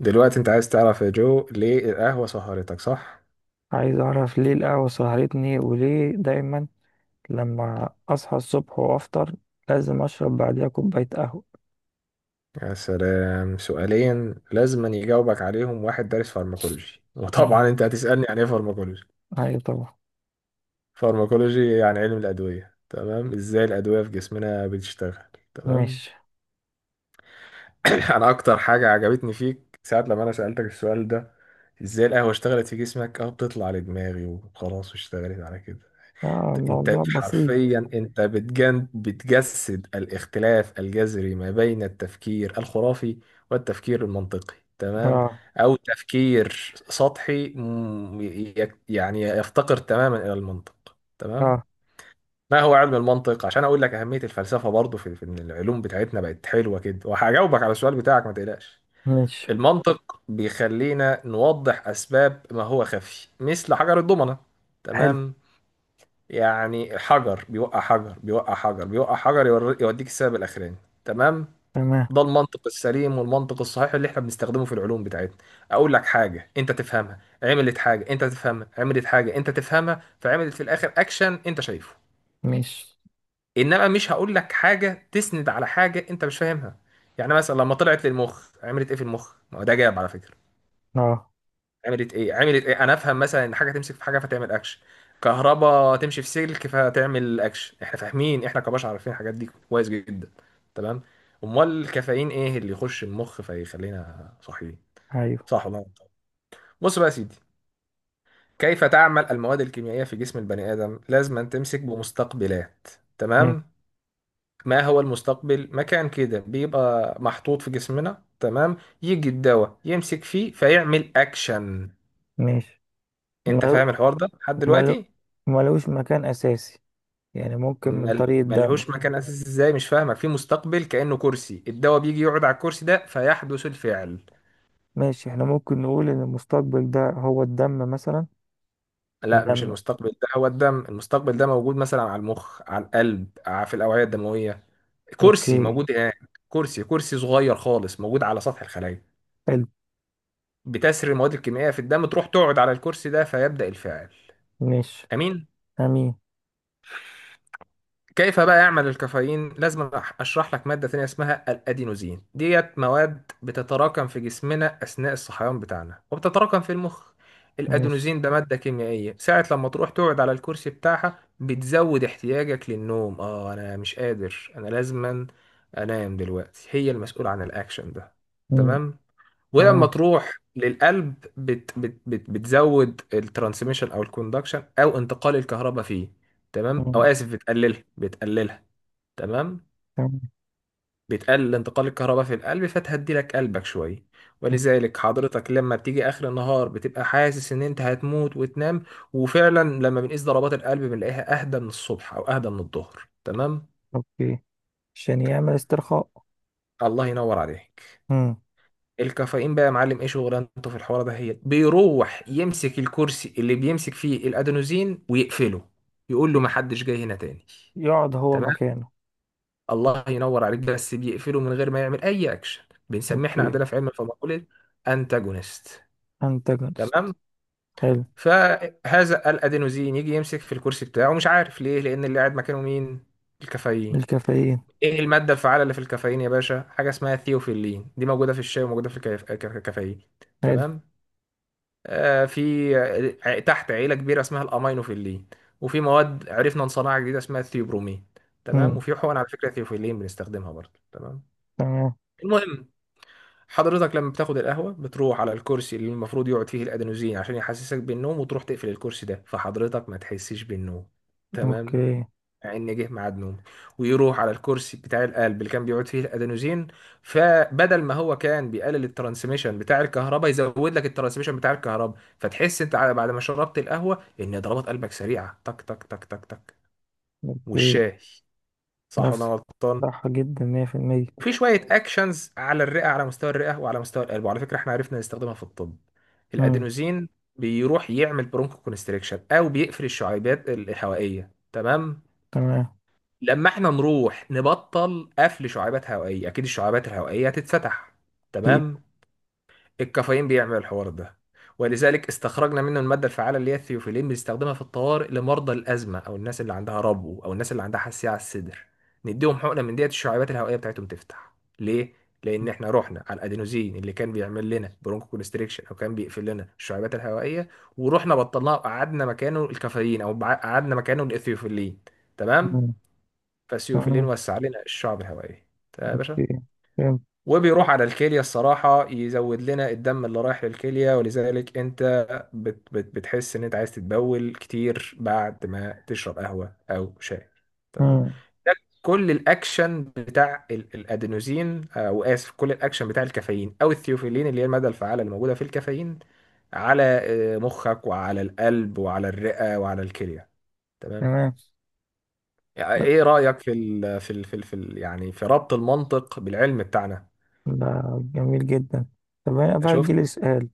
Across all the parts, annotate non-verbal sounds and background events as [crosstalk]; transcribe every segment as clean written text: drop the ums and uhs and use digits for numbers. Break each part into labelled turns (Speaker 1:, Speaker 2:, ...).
Speaker 1: دلوقتي انت عايز تعرف يا جو ليه القهوة سهرتك صح؟
Speaker 2: عايز اعرف ليه القهوة سهرتني وليه دايما لما اصحى الصبح وافطر لازم اشرب بعديها كوباية قهوة.
Speaker 1: يا سلام، سؤالين لازم يجاوبك عليهم واحد دارس فارماكولوجي،
Speaker 2: مم.
Speaker 1: وطبعا انت هتسألني عن ايه فارماكولوجي.
Speaker 2: ايوه طبعا.
Speaker 1: فارماكولوجي يعني علم الأدوية، تمام، ازاي الأدوية في جسمنا بتشتغل، تمام.
Speaker 2: ماشي.
Speaker 1: [clears throat] انا اكتر حاجة عجبتني فيك ساعة لما انا سألتك السؤال ده ازاي القهوة اشتغلت في جسمك. اه، بتطلع لدماغي وخلاص واشتغلت على كده.
Speaker 2: اه
Speaker 1: انت
Speaker 2: الموضوع بسيط.
Speaker 1: حرفيا بتجن بتجسد الاختلاف الجذري ما بين التفكير الخرافي والتفكير المنطقي، تمام،
Speaker 2: اه.
Speaker 1: او تفكير سطحي يعني يفتقر تماما الى المنطق، تمام.
Speaker 2: اه.
Speaker 1: ما هو علم المنطق، عشان اقول لك اهمية الفلسفة برضو في ان العلوم بتاعتنا بقت حلوة كده. وهجاوبك على السؤال بتاعك ما تقلقش.
Speaker 2: ماشي.
Speaker 1: المنطق بيخلينا نوضح اسباب ما هو خفي، مثل حجر الضمنة،
Speaker 2: حلو.
Speaker 1: تمام. يعني حجر بيوقع، حجر بيوقع، حجر بيوقع، حجر يوديك السبب الاخراني، تمام.
Speaker 2: تمام.
Speaker 1: ده المنطق السليم والمنطق الصحيح اللي احنا بنستخدمه في العلوم بتاعتنا. اقول لك حاجه انت تفهمها، عملت حاجه انت تفهمها، عملت حاجه انت تفهمها، فعملت في الاخر اكشن انت شايفه.
Speaker 2: ماشي.
Speaker 1: انما مش هقول لك حاجه تسند على حاجه انت مش فاهمها. يعني مثلا لما طلعت للمخ عملت ايه في المخ؟ ما هو ده جاب على فكره.
Speaker 2: اه.
Speaker 1: عملت ايه؟ عملت ايه؟ انا افهم مثلا ان حاجه تمسك في حاجه فتعمل اكشن، كهرباء تمشي في سلك فتعمل اكشن. احنا فاهمين، احنا كبشر عارفين الحاجات دي كويس جدا، تمام. امال الكافيين ايه اللي يخش المخ فيخلينا صاحيين،
Speaker 2: ايوه.
Speaker 1: صح ولا غلط؟ بص بقى يا سيدي، كيف تعمل المواد الكيميائيه في جسم البني ادم؟ لازم أن تمسك بمستقبلات،
Speaker 2: ماشي.
Speaker 1: تمام. ما هو المستقبل؟ مكان كده بيبقى محطوط في جسمنا، تمام. يجي الدواء يمسك فيه فيعمل اكشن.
Speaker 2: ماشي.
Speaker 1: انت
Speaker 2: ملو.
Speaker 1: فاهم الحوار ده لحد
Speaker 2: ملو.
Speaker 1: دلوقتي؟
Speaker 2: ملوش مكان اساسي، يعني ممكن من طريق الدم.
Speaker 1: ملهوش مكان اساسي ازاي؟ مش فاهمك. في مستقبل كأنه كرسي، الدواء بيجي يقعد على الكرسي ده فيحدث الفعل.
Speaker 2: ماشي. احنا ممكن نقول ان المستقبل ده هو الدم مثلا.
Speaker 1: لا، مش
Speaker 2: الدم.
Speaker 1: المستقبل ده هو الدم، المستقبل ده موجود مثلا على المخ، على القلب، في الأوعية الدموية. كرسي
Speaker 2: اوكي.
Speaker 1: موجود هناك. كرسي صغير خالص موجود على سطح الخلايا.
Speaker 2: حلو.
Speaker 1: بتسري المواد الكيميائية في الدم، تروح تقعد على الكرسي ده فيبدأ الفعل.
Speaker 2: ماشي.
Speaker 1: أمين.
Speaker 2: امين.
Speaker 1: كيف بقى يعمل الكافيين؟ لازم اشرح لك ماده ثانيه اسمها الادينوزين. ديت مواد بتتراكم في جسمنا اثناء الصحيان بتاعنا وبتتراكم في المخ.
Speaker 2: ماشي.
Speaker 1: الادينوزين ده ماده كيميائيه، ساعه لما تروح تقعد على الكرسي بتاعها بتزود احتياجك للنوم. اه انا مش قادر، انا لازما انام دلوقتي. هي المسؤوله عن الاكشن ده،
Speaker 2: مم.
Speaker 1: تمام. ولما
Speaker 2: تمام.
Speaker 1: تروح للقلب بت بت بت بتزود الترانسميشن او الكوندكشن او انتقال الكهرباء فيه. تمام، او
Speaker 2: مم.
Speaker 1: اسف، بتقللها، تمام.
Speaker 2: تمام.
Speaker 1: بتقلل انتقال الكهرباء في القلب فتهدي لك قلبك شويه.
Speaker 2: مم.
Speaker 1: ولذلك حضرتك لما بتيجي اخر النهار بتبقى حاسس ان انت هتموت وتنام. وفعلا لما بنقيس ضربات القلب بنلاقيها اهدى من الصبح او اهدى من الظهر، تمام.
Speaker 2: اوكي. عشان يعمل استرخاء.
Speaker 1: الله ينور عليك.
Speaker 2: مم.
Speaker 1: الكافيين بقى يا معلم ايه شغلانته في الحوار ده؟ هي بيروح يمسك الكرسي اللي بيمسك فيه الادينوزين ويقفله، يقول
Speaker 2: ي-
Speaker 1: له ما حدش جاي هنا تاني،
Speaker 2: يقعد هو
Speaker 1: تمام.
Speaker 2: مكانه.
Speaker 1: الله ينور عليك. بس بيقفله من غير ما يعمل اي اكشن. بنسميه احنا
Speaker 2: اوكي.
Speaker 1: عندنا في علم الفارماكولوجي انتاجونست،
Speaker 2: انتاجونست.
Speaker 1: تمام.
Speaker 2: حلو.
Speaker 1: فهذا الادينوزين يجي يمسك في الكرسي بتاعه مش عارف ليه، لان اللي قاعد مكانه مين؟ الكافيين.
Speaker 2: الكافيين.
Speaker 1: ايه الماده الفعاله اللي في الكافيين يا باشا؟ حاجه اسمها ثيوفيلين، دي موجوده في الشاي وموجوده في الكافيين،
Speaker 2: حلو.
Speaker 1: تمام. في تحت عيلة كبيرة اسمها الأمينوفيلين. وفي مواد عرفنا نصنعها جديدة اسمها الثيوبرومين، تمام.
Speaker 2: مم.
Speaker 1: وفي حقن على فكرة ثيوفيلين بنستخدمها برضه، تمام.
Speaker 2: تمام.
Speaker 1: المهم، حضرتك لما بتاخد القهوة بتروح على الكرسي اللي المفروض يقعد فيه الأدينوزين عشان يحسسك بالنوم، وتروح تقفل الكرسي ده فحضرتك ما تحسش بالنوم، تمام،
Speaker 2: اوكي.
Speaker 1: ان جه ميعاد نومه. ويروح على الكرسي بتاع القلب اللي كان بيقعد فيه الادينوزين، فبدل ما هو كان بيقلل الترانسميشن بتاع الكهرباء يزود لك الترانسميشن بتاع الكهرباء، فتحس انت بعد ما شربت القهوه ان ضربات قلبك سريعه، تك تك تك تك تك.
Speaker 2: اوكي.
Speaker 1: والشاي. صح ولا أنا
Speaker 2: نفسك.
Speaker 1: غلطان؟
Speaker 2: صح جدا، مية في المية.
Speaker 1: وفي شويه اكشنز على الرئه، على مستوى الرئه وعلى مستوى القلب. وعلى فكره احنا عرفنا نستخدمها في الطب.
Speaker 2: مم.
Speaker 1: الادينوزين بيروح يعمل برونكو كونستريكشن او بيقفل الشعيبات الهوائيه، تمام.
Speaker 2: تمام.
Speaker 1: لما احنا نروح نبطل قفل شعابات هوائية، اكيد الشعابات الهوائية هتتفتح،
Speaker 2: اكيد.
Speaker 1: تمام. الكافيين بيعمل الحوار ده، ولذلك استخرجنا منه المادة الفعالة اللي هي الثيوفيلين، بنستخدمها في الطوارئ لمرضى الأزمة أو الناس اللي عندها ربو أو الناس اللي عندها حساسية على الصدر. نديهم حقنة من ديت الشعابات الهوائية بتاعتهم تفتح. ليه؟ لأن احنا رحنا على الأدينوزين اللي كان بيعمل لنا برونكو كونستريكشن أو كان بيقفل لنا الشعابات الهوائية، ورحنا بطلناه وقعدنا مكانه الكافيين، أو قعدنا مكانه الإثيوفيلين، تمام؟
Speaker 2: مم.
Speaker 1: فسيوفيلين
Speaker 2: تمام.
Speaker 1: وسع لنا الشعب الهوائية، تمام يا باشا.
Speaker 2: اوكي. فهمت.
Speaker 1: وبيروح على الكلية، الصراحة، يزود لنا الدم اللي رايح للكلية، ولذلك انت بت بت بتحس ان انت عايز تتبول كتير بعد ما تشرب قهوة او شاي، تمام.
Speaker 2: مم.
Speaker 1: ده كل الاكشن بتاع الادينوزين، او اسف، كل الاكشن بتاع الكافيين او الثيوفيلين اللي هي المادة الفعالة اللي موجودة في الكافيين، على مخك وعلى القلب وعلى الرئة وعلى الكلية، تمام.
Speaker 2: تمام.
Speaker 1: يعني
Speaker 2: لا،
Speaker 1: ايه رأيك في ال في ال في ال في ال يعني في ربط المنطق بالعلم بتاعنا؟
Speaker 2: ده جميل جدا. طب هنا بقى
Speaker 1: شفت؟
Speaker 2: يجيلي سؤال.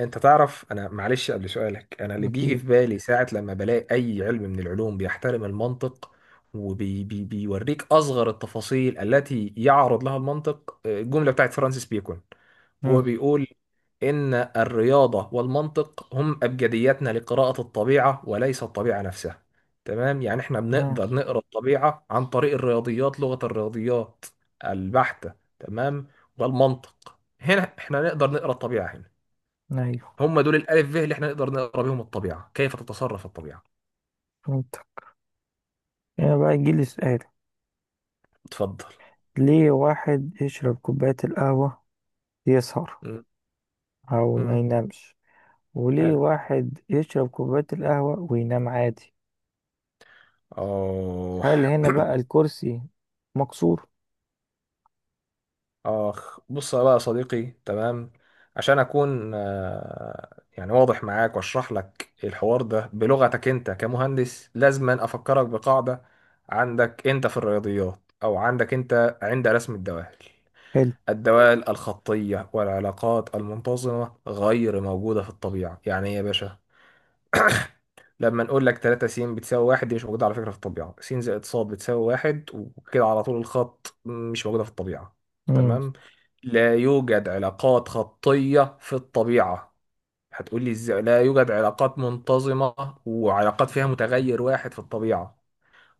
Speaker 1: انت تعرف انا معلش قبل سؤالك، انا اللي بيجي
Speaker 2: اكيد.
Speaker 1: في بالي ساعة لما بلاقي اي علم من العلوم بيحترم المنطق وبيوريك اصغر التفاصيل التي يعرض لها المنطق، الجملة بتاعت فرانسيس بيكون. هو
Speaker 2: مم.
Speaker 1: بيقول ان الرياضة والمنطق هم ابجدياتنا لقراءة الطبيعة وليس الطبيعة نفسها، تمام. يعني احنا
Speaker 2: تمام.
Speaker 1: بنقدر نقرأ الطبيعة عن طريق الرياضيات، لغة الرياضيات البحتة، تمام. والمنطق هنا احنا نقدر نقرأ الطبيعة هنا.
Speaker 2: ايوه.
Speaker 1: هم دول الالف ب اللي احنا نقدر نقرا بيهم الطبيعه، كيف تتصرف الطبيعه.
Speaker 2: فهمت. هنا بقى يجيلي سؤال،
Speaker 1: اتفضل.
Speaker 2: ليه واحد يشرب كوباية القهوة يسهر
Speaker 1: مم.
Speaker 2: أو ما
Speaker 1: مم.
Speaker 2: ينامش، وليه
Speaker 1: حلو.
Speaker 2: واحد يشرب كوباية القهوة وينام عادي؟
Speaker 1: اه.
Speaker 2: هل هنا بقى
Speaker 1: [coughs]
Speaker 2: الكرسي مكسور؟
Speaker 1: [clears throat] اخ، بص بقى يا صديقي، تمام. عشان اكون يعني واضح معاك واشرح لك الحوار ده بلغتك انت كمهندس، لازم افكرك بقاعده عندك انت في الرياضيات او عندك انت عند رسم الدوال.
Speaker 2: حلو.
Speaker 1: الدوال الخطيه والعلاقات المنتظمه غير موجوده في الطبيعه. يعني ايه يا باشا؟ [coughs] لما نقول لك 3 س بتساوي واحد، دي مش موجودة على فكرة في الطبيعة. س زائد ص بتساوي واحد وكده على طول الخط مش موجودة في الطبيعة،
Speaker 2: امم.
Speaker 1: تمام. لا يوجد علاقات خطية في الطبيعة. هتقول لي ازاي لا يوجد علاقات منتظمة وعلاقات فيها متغير واحد في الطبيعة؟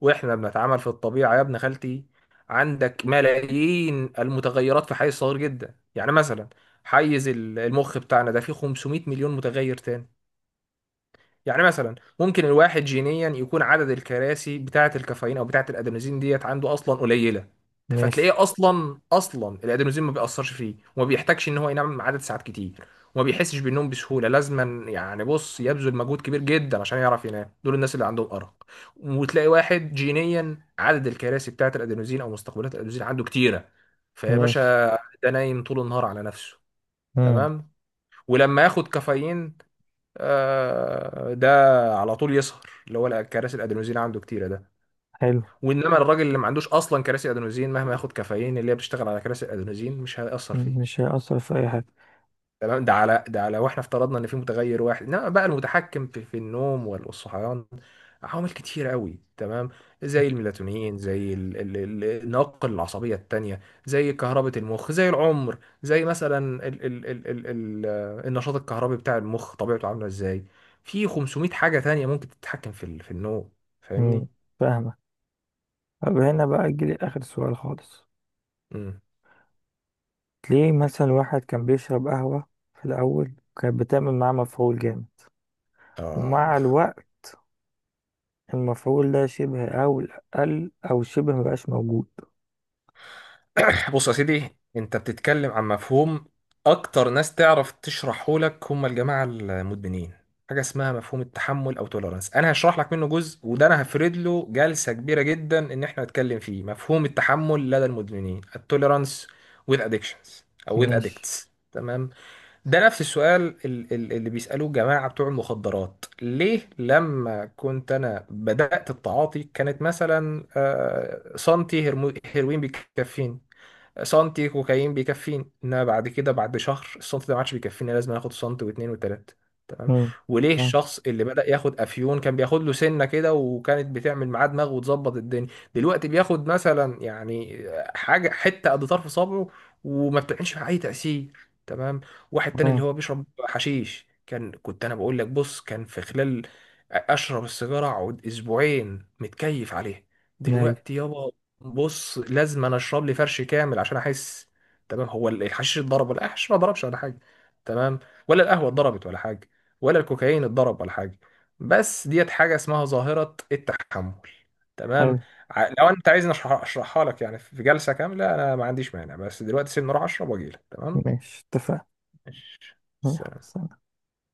Speaker 1: واحنا بنتعامل في الطبيعة يا ابن خالتي، عندك ملايين المتغيرات في حيز صغير جدا. يعني مثلا حيز المخ بتاعنا ده فيه 500 مليون متغير تاني. يعني مثلا ممكن الواحد جينيا يكون عدد الكراسي بتاعة الكافيين او بتاعة الادينوزين ديت عنده اصلا قليلة،
Speaker 2: ماشي.
Speaker 1: فتلاقيه اصلا الادينوزين ما بيأثرش فيه، وما بيحتاجش ان هو ينام عدد ساعات كتير، وما بيحسش بالنوم بسهولة لازما. يعني بص، يبذل مجهود كبير جدا عشان يعرف ينام. دول الناس اللي عندهم أرق. وتلاقي واحد جينيا عدد الكراسي بتاعة الادينوزين او مستقبلات الادينوزين عنده كتيرة، فيا باشا
Speaker 2: ماشي.
Speaker 1: ده نايم طول النهار على نفسه،
Speaker 2: امم.
Speaker 1: تمام. ولما ياخد كافيين، ده على طول يسهر، اللي هو كراسي الادينوزين عنده كتيره ده.
Speaker 2: حلو.
Speaker 1: وانما الراجل اللي ما عندوش اصلا كراسي ادينوزين، مهما ياخد كافيين اللي هي بتشتغل على كراسي الادينوزين، مش هيأثر فيه،
Speaker 2: مش هيأثر في أي حاجة.
Speaker 1: تمام. ده على ده على، واحنا افترضنا ان في متغير واحد. انما بقى المتحكم في النوم والصحيان عوامل كتيرة قوي، تمام. زي الميلاتونين، زي النواقل العصبية التانية، زي كهربة المخ، زي العمر، زي مثلا ال ال ال ال ال النشاط الكهربي بتاع المخ طبيعته عاملة ازاي. في 500 حاجة تانية ممكن تتحكم في في النوم. فاهمني؟
Speaker 2: امم. فاهمة. طب هنا بقى أجيلي آخر سؤال خالص.
Speaker 1: امم
Speaker 2: ليه مثلا واحد كان بيشرب قهوة في الأول كانت بتعمل معاه مفعول جامد،
Speaker 1: آه
Speaker 2: ومع الوقت المفعول ده شبه، أو قل أو شبه مبقاش موجود.
Speaker 1: [clears throat] بص يا سيدي، انت بتتكلم عن مفهوم اكتر ناس تعرف تشرحه لك هم الجماعه المدمنين. حاجه اسمها مفهوم التحمل او توليرانس. انا هشرح لك منه جزء، وده انا هفرد له جلسه كبيره جدا ان احنا نتكلم فيه مفهوم التحمل لدى المدمنين، التوليرانس with addictions او with
Speaker 2: ماشي.
Speaker 1: addicts، تمام. ده نفس السؤال اللي بيسالوه الجماعه بتوع المخدرات: ليه لما كنت انا بدات التعاطي كانت مثلا سنتي هيروين بيكفيني، سنتي كوكايين بيكفيني، انما بعد كده بعد شهر السنت ده ما عادش بيكفيني، لازم اخد سنت واثنين وثلاثه، تمام.
Speaker 2: مم.
Speaker 1: وليه
Speaker 2: تمام.
Speaker 1: الشخص اللي بدأ ياخد افيون كان بياخد له سنه كده وكانت بتعمل معاه دماغ وتظبط الدنيا، دلوقتي بياخد مثلا يعني حاجه حته قد طرف صبعه وما بتعملش معاه اي تأثير، تمام. واحد تاني اللي
Speaker 2: تمام.
Speaker 1: هو بيشرب حشيش، كان كنت انا بقول لك بص، كان في خلال اشرب السيجاره اقعد اسبوعين متكيف عليها.
Speaker 2: أيوة.
Speaker 1: دلوقتي يابا، بص، لازم انا اشرب لي فرش كامل عشان احس، تمام. هو الحشيش اتضرب ولا الحشيش ما ضربش ولا حاجه؟ تمام. ولا القهوه اتضربت ولا حاجه؟ ولا الكوكايين اتضرب ولا حاجه؟ بس ديت حاجه اسمها ظاهره التحمل، تمام.
Speaker 2: حلو.
Speaker 1: لو انت عايزني اشرحها لك يعني في جلسه كامله، انا ما عنديش مانع، بس دلوقتي سيبني اروح اشرب واجيلك، تمام.
Speaker 2: ماشي.
Speaker 1: ماشي. سلام.
Speaker 2: اتفقنا.